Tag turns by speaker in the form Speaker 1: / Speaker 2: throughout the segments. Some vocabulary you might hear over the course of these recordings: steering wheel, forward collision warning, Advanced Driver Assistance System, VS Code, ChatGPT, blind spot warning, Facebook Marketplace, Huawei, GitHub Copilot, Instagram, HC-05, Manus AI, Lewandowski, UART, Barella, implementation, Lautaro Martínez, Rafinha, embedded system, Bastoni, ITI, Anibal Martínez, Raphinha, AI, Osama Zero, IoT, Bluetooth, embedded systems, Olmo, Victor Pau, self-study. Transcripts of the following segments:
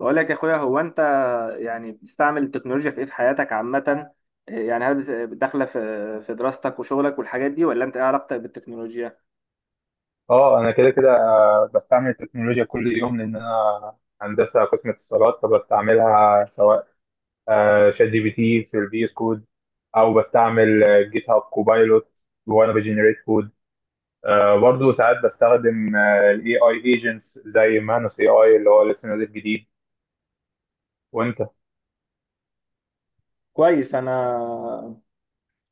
Speaker 1: بقول لك يا اخويا، هو انت يعني بتستعمل التكنولوجيا في ايه في حياتك عامة؟ يعني هل داخلة في دراستك وشغلك والحاجات دي، ولا انت ايه علاقتك بالتكنولوجيا؟
Speaker 2: اه انا كده كده بستعمل التكنولوجيا كل يوم لان انا هندسه قسم اتصالات فبستعملها سواء شات جي بي تي في الفي اس كود او بستعمل جيت هاب كوبايلوت وانا بجنريت كود، برضه ساعات بستخدم الاي اي ايجنتس زي مانوس اي اي اللي هو لسه نازل جديد. وانت؟
Speaker 1: كويس. انا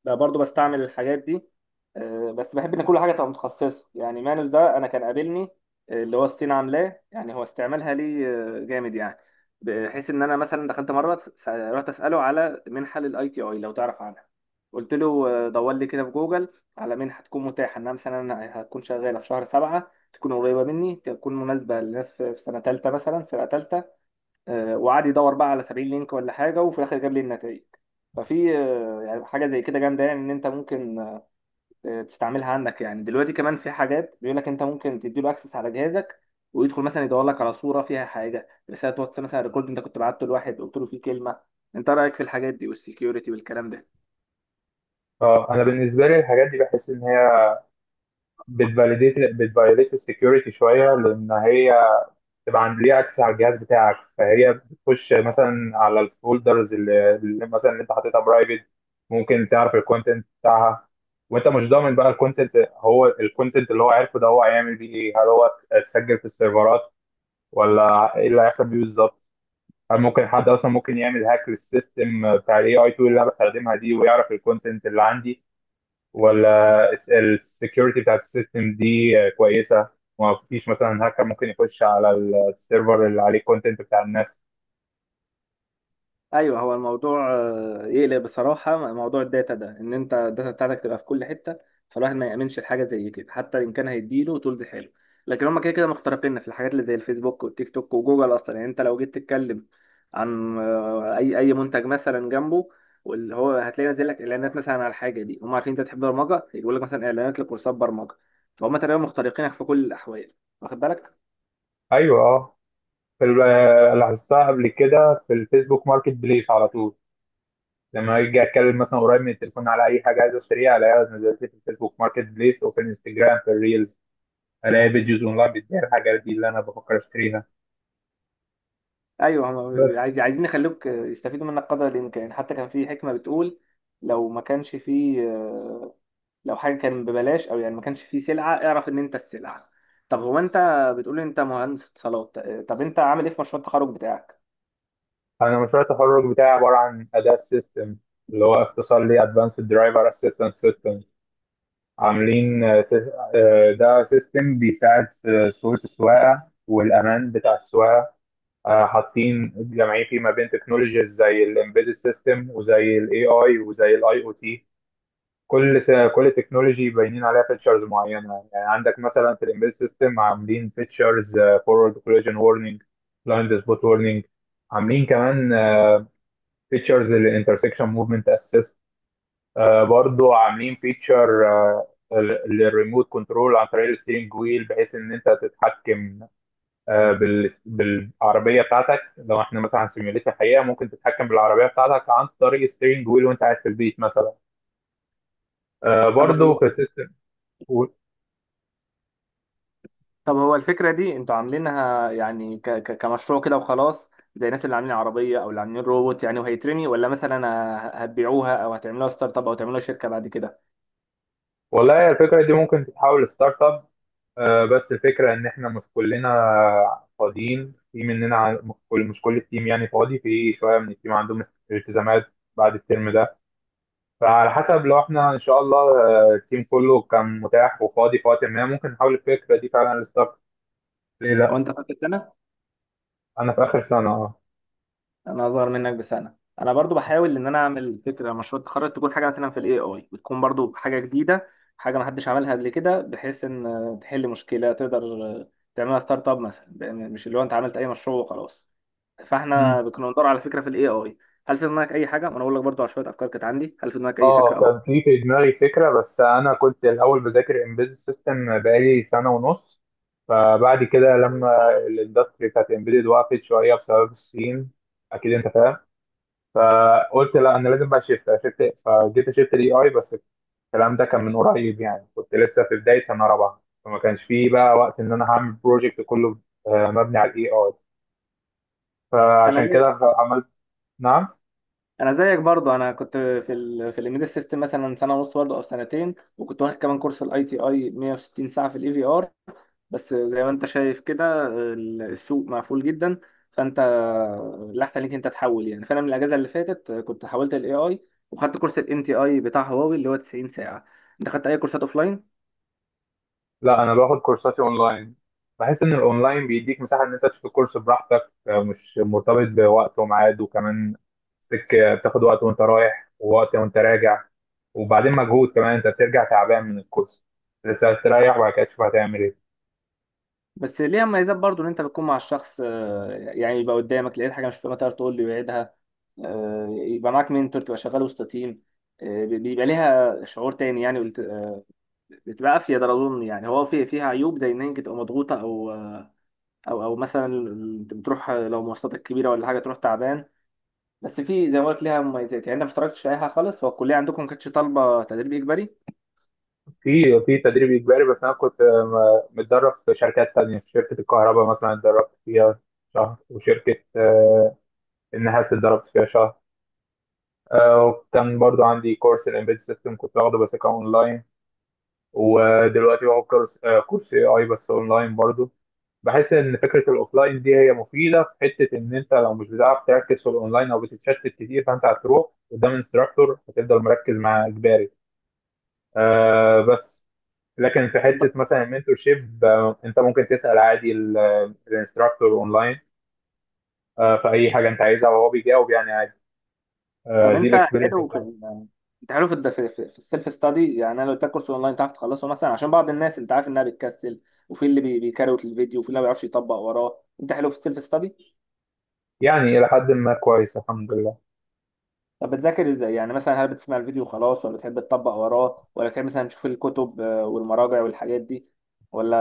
Speaker 1: بقى برضو بستعمل الحاجات دي. بس بحب ان كل حاجه تبقى متخصصه. يعني مانوس ده انا كان قابلني. اللي هو الصين عاملاه، يعني هو استعمالها لي جامد يعني، بحيث ان انا مثلا دخلت مره رحت اساله على منحه للاي تي اي لو تعرف عنها. قلت له دور لي كده في جوجل على منحه تكون متاحه، انها مثلا أنا هتكون شغاله في شهر سبعه، تكون قريبه مني، تكون مناسبه للناس في سنه ثالثه مثلا، فرقه ثالثه. وقعد يدور بقى على 70 لينك ولا حاجه، وفي الاخر جاب لي النتائج. ففي يعني حاجه زي كده جامده، يعني ان انت ممكن تستعملها عندك. يعني دلوقتي كمان في حاجات بيقول لك انت ممكن تديله اكسس على جهازك، ويدخل مثلا يدور لك على صوره فيها حاجه، رساله واتس مثلا، ريكورد انت كنت بعته لواحد قلت له فيه كلمه. انت رايك في الحاجات دي والسكيورتي والكلام ده؟
Speaker 2: اه انا بالنسبه لي الحاجات دي بحس ان هي بتفاليديت السكيورتي شويه، لان هي تبقى عند ليها اكسس على الجهاز بتاعك، فهي بتخش مثلا على الفولدرز اللي مثلا اللي انت حاططها برايفت، ممكن تعرف الكونتنت بتاعها. وانت مش ضامن بقى الكونتنت، هو الكونتنت اللي هو عارفه ده هو هيعمل بيه ايه؟ هل هو اتسجل في السيرفرات ولا ايه اللي هيحصل بيه بالظبط؟ هل ممكن حد اصلا ممكن يعمل هاك للسيستم بتاع الاي اي تول اللي انا بستخدمها دي ويعرف الكونتنت اللي عندي، ولا السكيورتي بتاعت السيستم دي كويسه؟ ما فيش مثلا هاكر ممكن يخش على السيرفر اللي عليه كونتنت بتاع الناس؟
Speaker 1: ايوه. هو الموضوع يقلق بصراحه. موضوع الداتا ده، ان انت الداتا بتاعتك تبقى في كل حته، فالواحد ما يامنش الحاجه زي كده حتى ان كان هيديله طول دي حلو. لكن هم كده كده مخترقين في الحاجات اللي زي الفيسبوك والتيك توك وجوجل اصلا. يعني انت لو جيت تتكلم عن اي اي منتج مثلا جنبه، واللي هو هتلاقي نازل لك اعلانات مثلا على الحاجه دي. هم عارفين انت تحب برمجه، يقول لك مثلا اعلانات لكورسات برمجه. فهم تقريبا مخترقينك في كل الاحوال، واخد بالك؟
Speaker 2: ايوه، اه. في لاحظتها قبل كده في الفيسبوك ماركت بليس، على طول لما اجي اتكلم مثلا قريب من التليفون على اي حاجه عايز اشتريها الاقيها نزلت لي في الفيسبوك ماركت بليس او في الانستجرام في الريلز، الاقي فيديوز اونلاين بتبيع الحاجات دي اللي انا بفكر اشتريها.
Speaker 1: ايوه. هم
Speaker 2: بس
Speaker 1: عايزين يخلوك يستفيدوا منك قدر الامكان. حتى كان في حكمه بتقول، لو ما كانش فيه، لو حاجه كان ببلاش، او يعني ما كانش فيه سلعه، اعرف ان انت السلعه. طب هو انت بتقول لي انت مهندس اتصالات. طب انت عامل ايه في مشروع التخرج بتاعك؟
Speaker 2: انا مشروع التخرج بتاعي عباره عن اداه سيستم، اللي هو اختصار لي ادفانسد درايفر اسيستنس سيستم. عاملين ده سيستم بيساعد في صورة السواقة والأمان بتاع السواقة. حاطين جمعيه فيه ما بين تكنولوجيز زي الامبيدد سيستم وزي الاي اي وزي الاي او تي. كل تكنولوجي باينين عليها فيتشرز معينه، يعني عندك مثلا في الامبيدد سيستم عاملين فيتشرز فورورد كولlision وورنينج، بلايند سبوت وورنينج، عاملين كمان فيتشرز للانترسكشن موفمنت اسيست. برضو عاملين فيتشر للريموت كنترول عن طريق الستيرنج ويل بحيث ان انت تتحكم بالعربيه بتاعتك. لو احنا مثلا هنسيميوليت الحقيقه، ممكن تتحكم بالعربيه بتاعتك عن طريق الستيرنج ويل وانت قاعد في البيت مثلا.
Speaker 1: طب
Speaker 2: برضو
Speaker 1: هو
Speaker 2: في السيستم.
Speaker 1: طب هو الفكره دي انتوا عاملينها يعني كمشروع كده وخلاص، زي الناس اللي عاملين عربيه او اللي عاملين روبوت يعني وهيترمي؟ ولا مثلا هتبيعوها او هتعملوها ستارت اب، او تعملوها شركه بعد كده؟
Speaker 2: والله الفكره دي ممكن تتحول لستارت اب، بس الفكره ان احنا مش كلنا فاضيين. في مننا مش كل التيم يعني فاضي، في شويه من التيم عندهم التزامات بعد الترم ده. فعلى حسب، لو احنا ان شاء الله التيم كله كان متاح وفاضي في وقت ما، ممكن نحاول الفكره دي فعلا للستارت. ليه
Speaker 1: هو
Speaker 2: لا؟
Speaker 1: انت فاكر، سنه؟
Speaker 2: انا في اخر سنه، اه.
Speaker 1: انا اصغر منك بسنه. انا برضو بحاول ان انا اعمل فكره مشروع التخرج، تكون حاجه مثلا في الاي اي، بتكون برضو حاجه جديده، حاجه ما حدش عملها قبل كده، بحيث ان تحل مشكله، تقدر تعملها ستارت اب مثلا. لأن مش اللي هو انت عملت اي مشروع وخلاص. فاحنا
Speaker 2: مم.
Speaker 1: كنا بندور على فكره في الاي اي. هل في دماغك اي حاجه؟ وانا اقول لك برضو على شويه افكار كانت عندي. هل في دماغك اي فكره
Speaker 2: اه
Speaker 1: او؟
Speaker 2: كان في دماغي فكره، بس انا كنت الاول بذاكر امبيد سيستم بقالي سنه ونص. فبعد كده لما الاندستري بتاعت امبيدد وقفت شويه بسبب الصين، اكيد انت فاهم، فقلت لا، انا لازم بقى شيفت فجيت شيفت الاي اي. بس الكلام ده كان من قريب، يعني كنت لسه في بداية سنة رابعة، فما كانش فيه بقى وقت إن أنا هعمل بروجكت كله مبني على الإي آي.
Speaker 1: انا
Speaker 2: فعشان
Speaker 1: زيك
Speaker 2: كده عملت. نعم؟
Speaker 1: انا زيك برضو. انا كنت في ال في الامبيدد سيستم مثلا سنه ونص برضو او سنتين، وكنت واخد كمان كورس الاي تي اي 160 ساعه في الاي في ار. بس زي ما انت شايف كده السوق مقفول جدا. فانت الاحسن ليك انت تحول يعني. فانا من الاجازه اللي فاتت كنت حولت الاي اي، وخدت كورس الام تي اي بتاع هواوي اللي هو 90 ساعه. انت خدت اي كورسات اوفلاين؟
Speaker 2: لا، أنا باخد كورساتي أونلاين. بحس إن الأونلاين بيديك مساحة إن أنت تشوف الكورس براحتك، مش مرتبط بوقت وميعاد. وكمان سكة بتاخد وقت وأنت رايح ووقت وأنت راجع، وبعدين مجهود كمان، أنت بترجع تعبان من الكورس لسه هتريح وبعد كده تشوف هتعمل إيه.
Speaker 1: بس ليها مميزات برضو، ان انت بتكون مع الشخص يعني يبقى قدامك. لقيت حاجه مش فاهمها تقدر تقول لي ويعيدها. يبقى معاك منتور، تبقى شغال وسط تيم. بيبقى ليها شعور تاني يعني. بتبقى افيد اظن يعني. هو في فيها عيوب زي ان هي تبقى مضغوطه، او او مثلا انت بتروح، لو مواصلاتك كبيره ولا حاجه تروح تعبان. بس في، زي ما قلت، ليها مميزات يعني. انت ما اشتركتش في اي حاجه خالص؟ هو الكليه عندكم ما كانتش طالبه تدريب اجباري؟
Speaker 2: في تدريب اجباري، بس انا كنت متدرب في شركات تانية. في شركه الكهرباء مثلا اتدربت فيها شهر، وشركه النحاس اتدربت فيها شهر. وكان برضو عندي كورس الامبيد سيستم كنت باخده بس كان اونلاين. ودلوقتي باخد كورس اي اي بس اونلاين برضو. بحس ان فكره الاوفلاين دي هي مفيده في حته ان انت لو مش بتعرف تركز في الاونلاين او بتتشتت كتير، فانت هتروح قدام انستراكتور هتفضل مركز مع اجباري. بس لكن في حته
Speaker 1: طب
Speaker 2: مثلا المنتور شيب، انت ممكن تسال عادي الانستراكتور اونلاين في اي حاجه انت عايزها، وهو بيجاوب يعني عادي.
Speaker 1: طب
Speaker 2: دي الاكسبيرينس
Speaker 1: حلو في
Speaker 2: بتاعتي.
Speaker 1: ال- انت حلو في في السيلف ستادي يعني؟ انا لو اديتك كورس اونلاين تعرف تخلصه مثلا؟ عشان بعض الناس انت عارف انها بتكسل، وفي اللي بيكروت الفيديو، وفي اللي ما بيعرفش يطبق وراه. انت حلو في السيلف ستادي؟
Speaker 2: يعني الى حد ما كويس، الحمد لله.
Speaker 1: طب بتذاكر ازاي يعني؟ مثلا هل بتسمع الفيديو خلاص، ولا بتحب تطبق وراه، ولا بتحب مثلا تشوف الكتب والمراجع والحاجات دي، ولا؟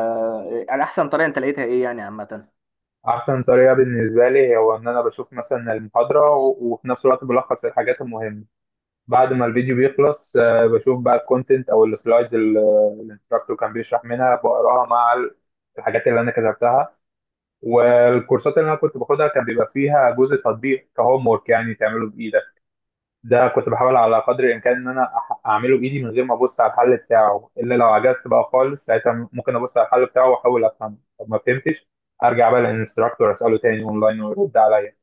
Speaker 1: على احسن طريقه انت لقيتها ايه يعني عامه؟
Speaker 2: احسن طريقه بالنسبه لي هو ان انا بشوف مثلا المحاضره وفي نفس الوقت بلخص الحاجات المهمه. بعد ما الفيديو بيخلص بشوف بقى الكونتنت او السلايدز اللي الانستراكتور كان بيشرح منها، بقراها مع الحاجات اللي انا كتبتها. والكورسات اللي انا كنت باخدها كان بيبقى فيها جزء تطبيق كهوم ورك يعني تعمله بايدك. ده كنت بحاول على قدر الامكان ان انا اعمله بايدي من غير ما ابص على الحل بتاعه، الا لو عجزت بقى خالص، ساعتها ممكن ابص على الحل بتاعه واحاول افهمه. طب ما فهمتش ارجع بقى للانستراكتور اساله تاني اونلاين ويرد عليا.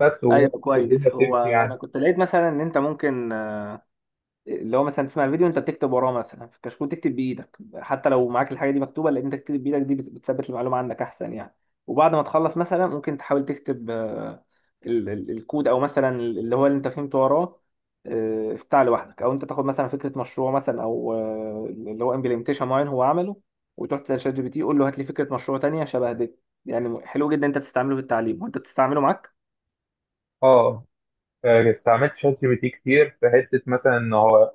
Speaker 2: بس
Speaker 1: ايوه كويس.
Speaker 2: والدنيا
Speaker 1: هو
Speaker 2: بتمشي يعني.
Speaker 1: انا كنت لقيت مثلا ان انت ممكن، اللي هو مثلا تسمع الفيديو، انت بتكتب وراه مثلا في الكشكول، تكتب بايدك حتى لو معاك الحاجه دي مكتوبه، لان انت تكتب بايدك دي بتثبت المعلومه عندك احسن يعني. وبعد ما تخلص مثلا ممكن تحاول تكتب الكود، او مثلا اللي هو اللي انت فهمته وراه. افتح لوحدك، او انت تاخد مثلا فكره مشروع مثلا، او اللي هو امبلمنتيشن معين هو عمله، وتروح تسال شات جي بي تي قول له هات لي فكره مشروع تانية شبه دي. يعني حلو جدا انت تستعمله في التعليم. وانت بتستعمله معاك؟
Speaker 2: اه، استعملت شات جي بي تي كتير في حته مثلا ان هو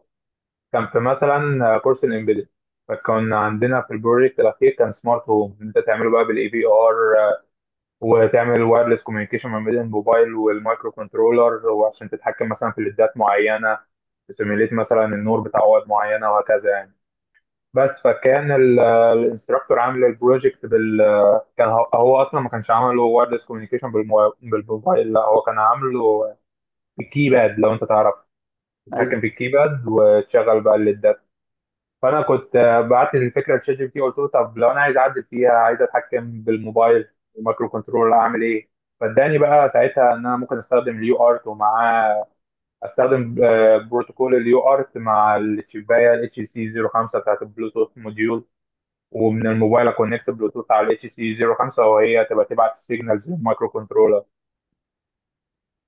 Speaker 2: كان في مثلا كورس الامبيدد. فكان عندنا في البروجكت الاخير كان سمارت هوم، انت تعمله بقى بالاي بي ار، وتعمل وايرلس كوميونيكيشن ما بين الموبايل والمايكرو كنترولر، وعشان تتحكم مثلا في ليدات معينه، تسيميليت مثلا النور بتاع واد معينه وهكذا يعني. بس فكان الانستراكتور عامل البروجكت كان هو اصلا ما كانش عامله وايرلس كوميونيكيشن بالموبايل، لا، هو كان عامله الكيباد لو انت تعرف، تتحكم في الكيباد وتشغل بقى الليدات. فانا كنت بعت الفكره لشات جي بي تي، قلت له طب لو انا عايز اعدل فيها عايز اتحكم بالموبايل والمايكرو كنترولر اعمل ايه؟ فاداني بقى ساعتها ان انا ممكن استخدم اليو ارت، ومعاه استخدم بروتوكول اليو ارت مع الشبايه الاتش سي 05 بتاعت البلوتوث موديول. ومن الموبايل اكونكت بلوتوث على الاتش سي 05، وهي تبقى تبعت السيجنالز للمايكرو كنترولر.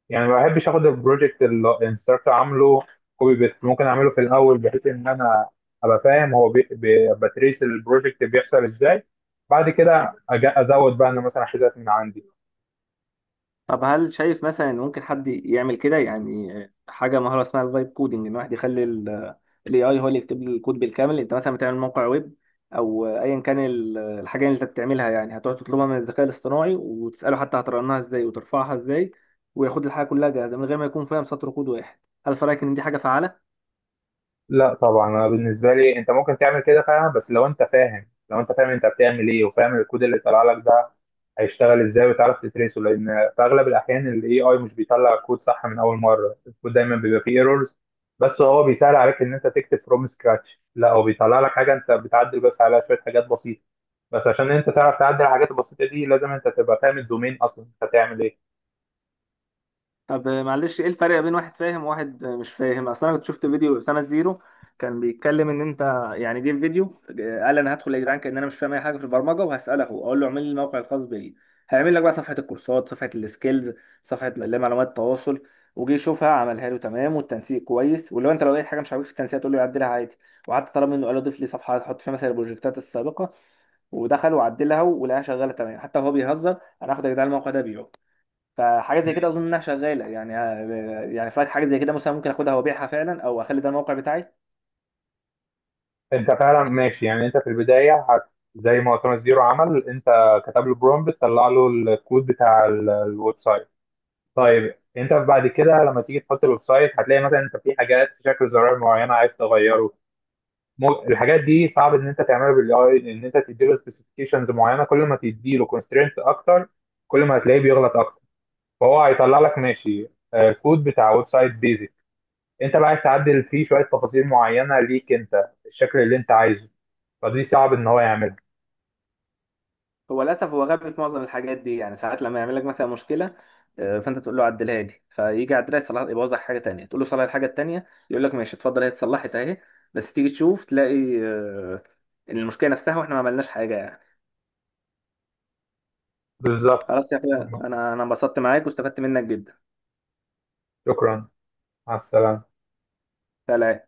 Speaker 2: يعني ما بحبش اخد البروجكت اللي الانستراكتور عامله كوبي بيست. ممكن اعمله في الاول بحيث ان انا ابقى فاهم هو بتريس البروجكت بيحصل ازاي، بعد كده ازود بقى انا مثلا حاجات من عندي.
Speaker 1: طب هل شايف مثلا ان ممكن حد يعمل كده؟ يعني حاجه، مهاره اسمها الفايب كودنج، ان واحد يخلي الاي اي هو اللي يكتب له الكود بالكامل. انت مثلا بتعمل موقع ويب، او ايا كان الحاجه اللي انت بتعملها يعني، هتقعد تطلبها من الذكاء الاصطناعي وتساله حتى هترنها ازاي وترفعها ازاي، وياخد الحاجه كلها جاهزه من غير ما يكون فاهم سطر كود واحد. هل في رايك ان دي حاجه فعاله؟
Speaker 2: لا طبعا، انا بالنسبه لي انت ممكن تعمل كده فعلا بس لو انت فاهم. لو انت فاهم انت بتعمل ايه وفاهم الكود اللي طلع لك ده هيشتغل ازاي وتعرف تتريسه، لان في اغلب الاحيان الاي اي مش بيطلع كود صح من اول مره، الكود دايما بيبقى فيه ايرورز. بس هو بيسهل عليك ان انت تكتب فروم سكراتش، لا هو بيطلع لك حاجه انت بتعدل بس على شويه حاجات بسيطه. بس عشان انت تعرف تعدل الحاجات البسيطه دي لازم انت تبقى فاهم الدومين اصلا انت هتعمل ايه.
Speaker 1: طب معلش، ايه الفرق بين واحد فاهم وواحد مش فاهم؟ اصل انا كنت شفت فيديو اسامه زيرو، كان بيتكلم ان انت، يعني جه في فيديو قال انا هدخل يا جدعان، كان انا مش فاهم اي حاجه في البرمجه، وهساله هو، اقول له اعمل لي الموقع الخاص بي. هيعمل لك بقى صفحه الكورسات، صفحه السكيلز، صفحه اللي هي معلومات التواصل. وجي يشوفها عملها له تمام والتنسيق كويس، ولو لو لقيت حاجه مش عاجبك في التنسيق تقول له يعدلها عادي. وحتى طلب منه، قال له ضيف لي صفحه هحط فيها مثلا البروجكتات السابقه، ودخل وعدلها ولقاها شغاله تمام. حتى وهو بيهزر، انا هاخد يا جدعان الموقع ده بيعه. فحاجه زي كده
Speaker 2: مم.
Speaker 1: اظن انها شغاله يعني. يعني فاك حاجه زي كده مثلا ممكن اخدها وابيعها فعلا، او اخلي ده الموقع بتاعي.
Speaker 2: انت فعلا ماشي، يعني انت في البدايه زي ما اسامه زيرو عمل، انت كتب له برومبت، طلع له الكود بتاع الويب سايت. طيب انت بعد كده لما تيجي تحط الويب سايت هتلاقي مثلا انت في حاجات في شكل زرار معين عايز تغيره. الحاجات دي صعب ان انت تعملها بالاي. ان انت تديله سبيسيفيكيشنز معينه، كل ما تديله كونسترينت اكتر كل ما هتلاقيه بيغلط اكتر. فهو هيطلع لك ماشي كود بتاع ويب سايت بيزك، انت بقى عايز تعدل فيه شويه تفاصيل معينه ليك انت الشكل اللي انت عايزه، فدي صعب ان هو يعملها.
Speaker 1: هو للاسف هو غبي في معظم الحاجات دي يعني. ساعات لما يعمل لك مثلا مشكله، فانت تقول له عدلها لي، فيجي يعدلها يصلح يبوظ لك حاجه تانية، تقول له صلح الحاجه التانية، يقول لك ماشي اتفضل هي اتصلحت اهي. بس تيجي تشوف تلاقي المشكله نفسها، واحنا ما عملناش حاجه يعني.
Speaker 2: بالظبط.
Speaker 1: خلاص يا اخويا، انا انبسطت معاك واستفدت منك جدا.
Speaker 2: شكرا. مع السلامه.
Speaker 1: سلام.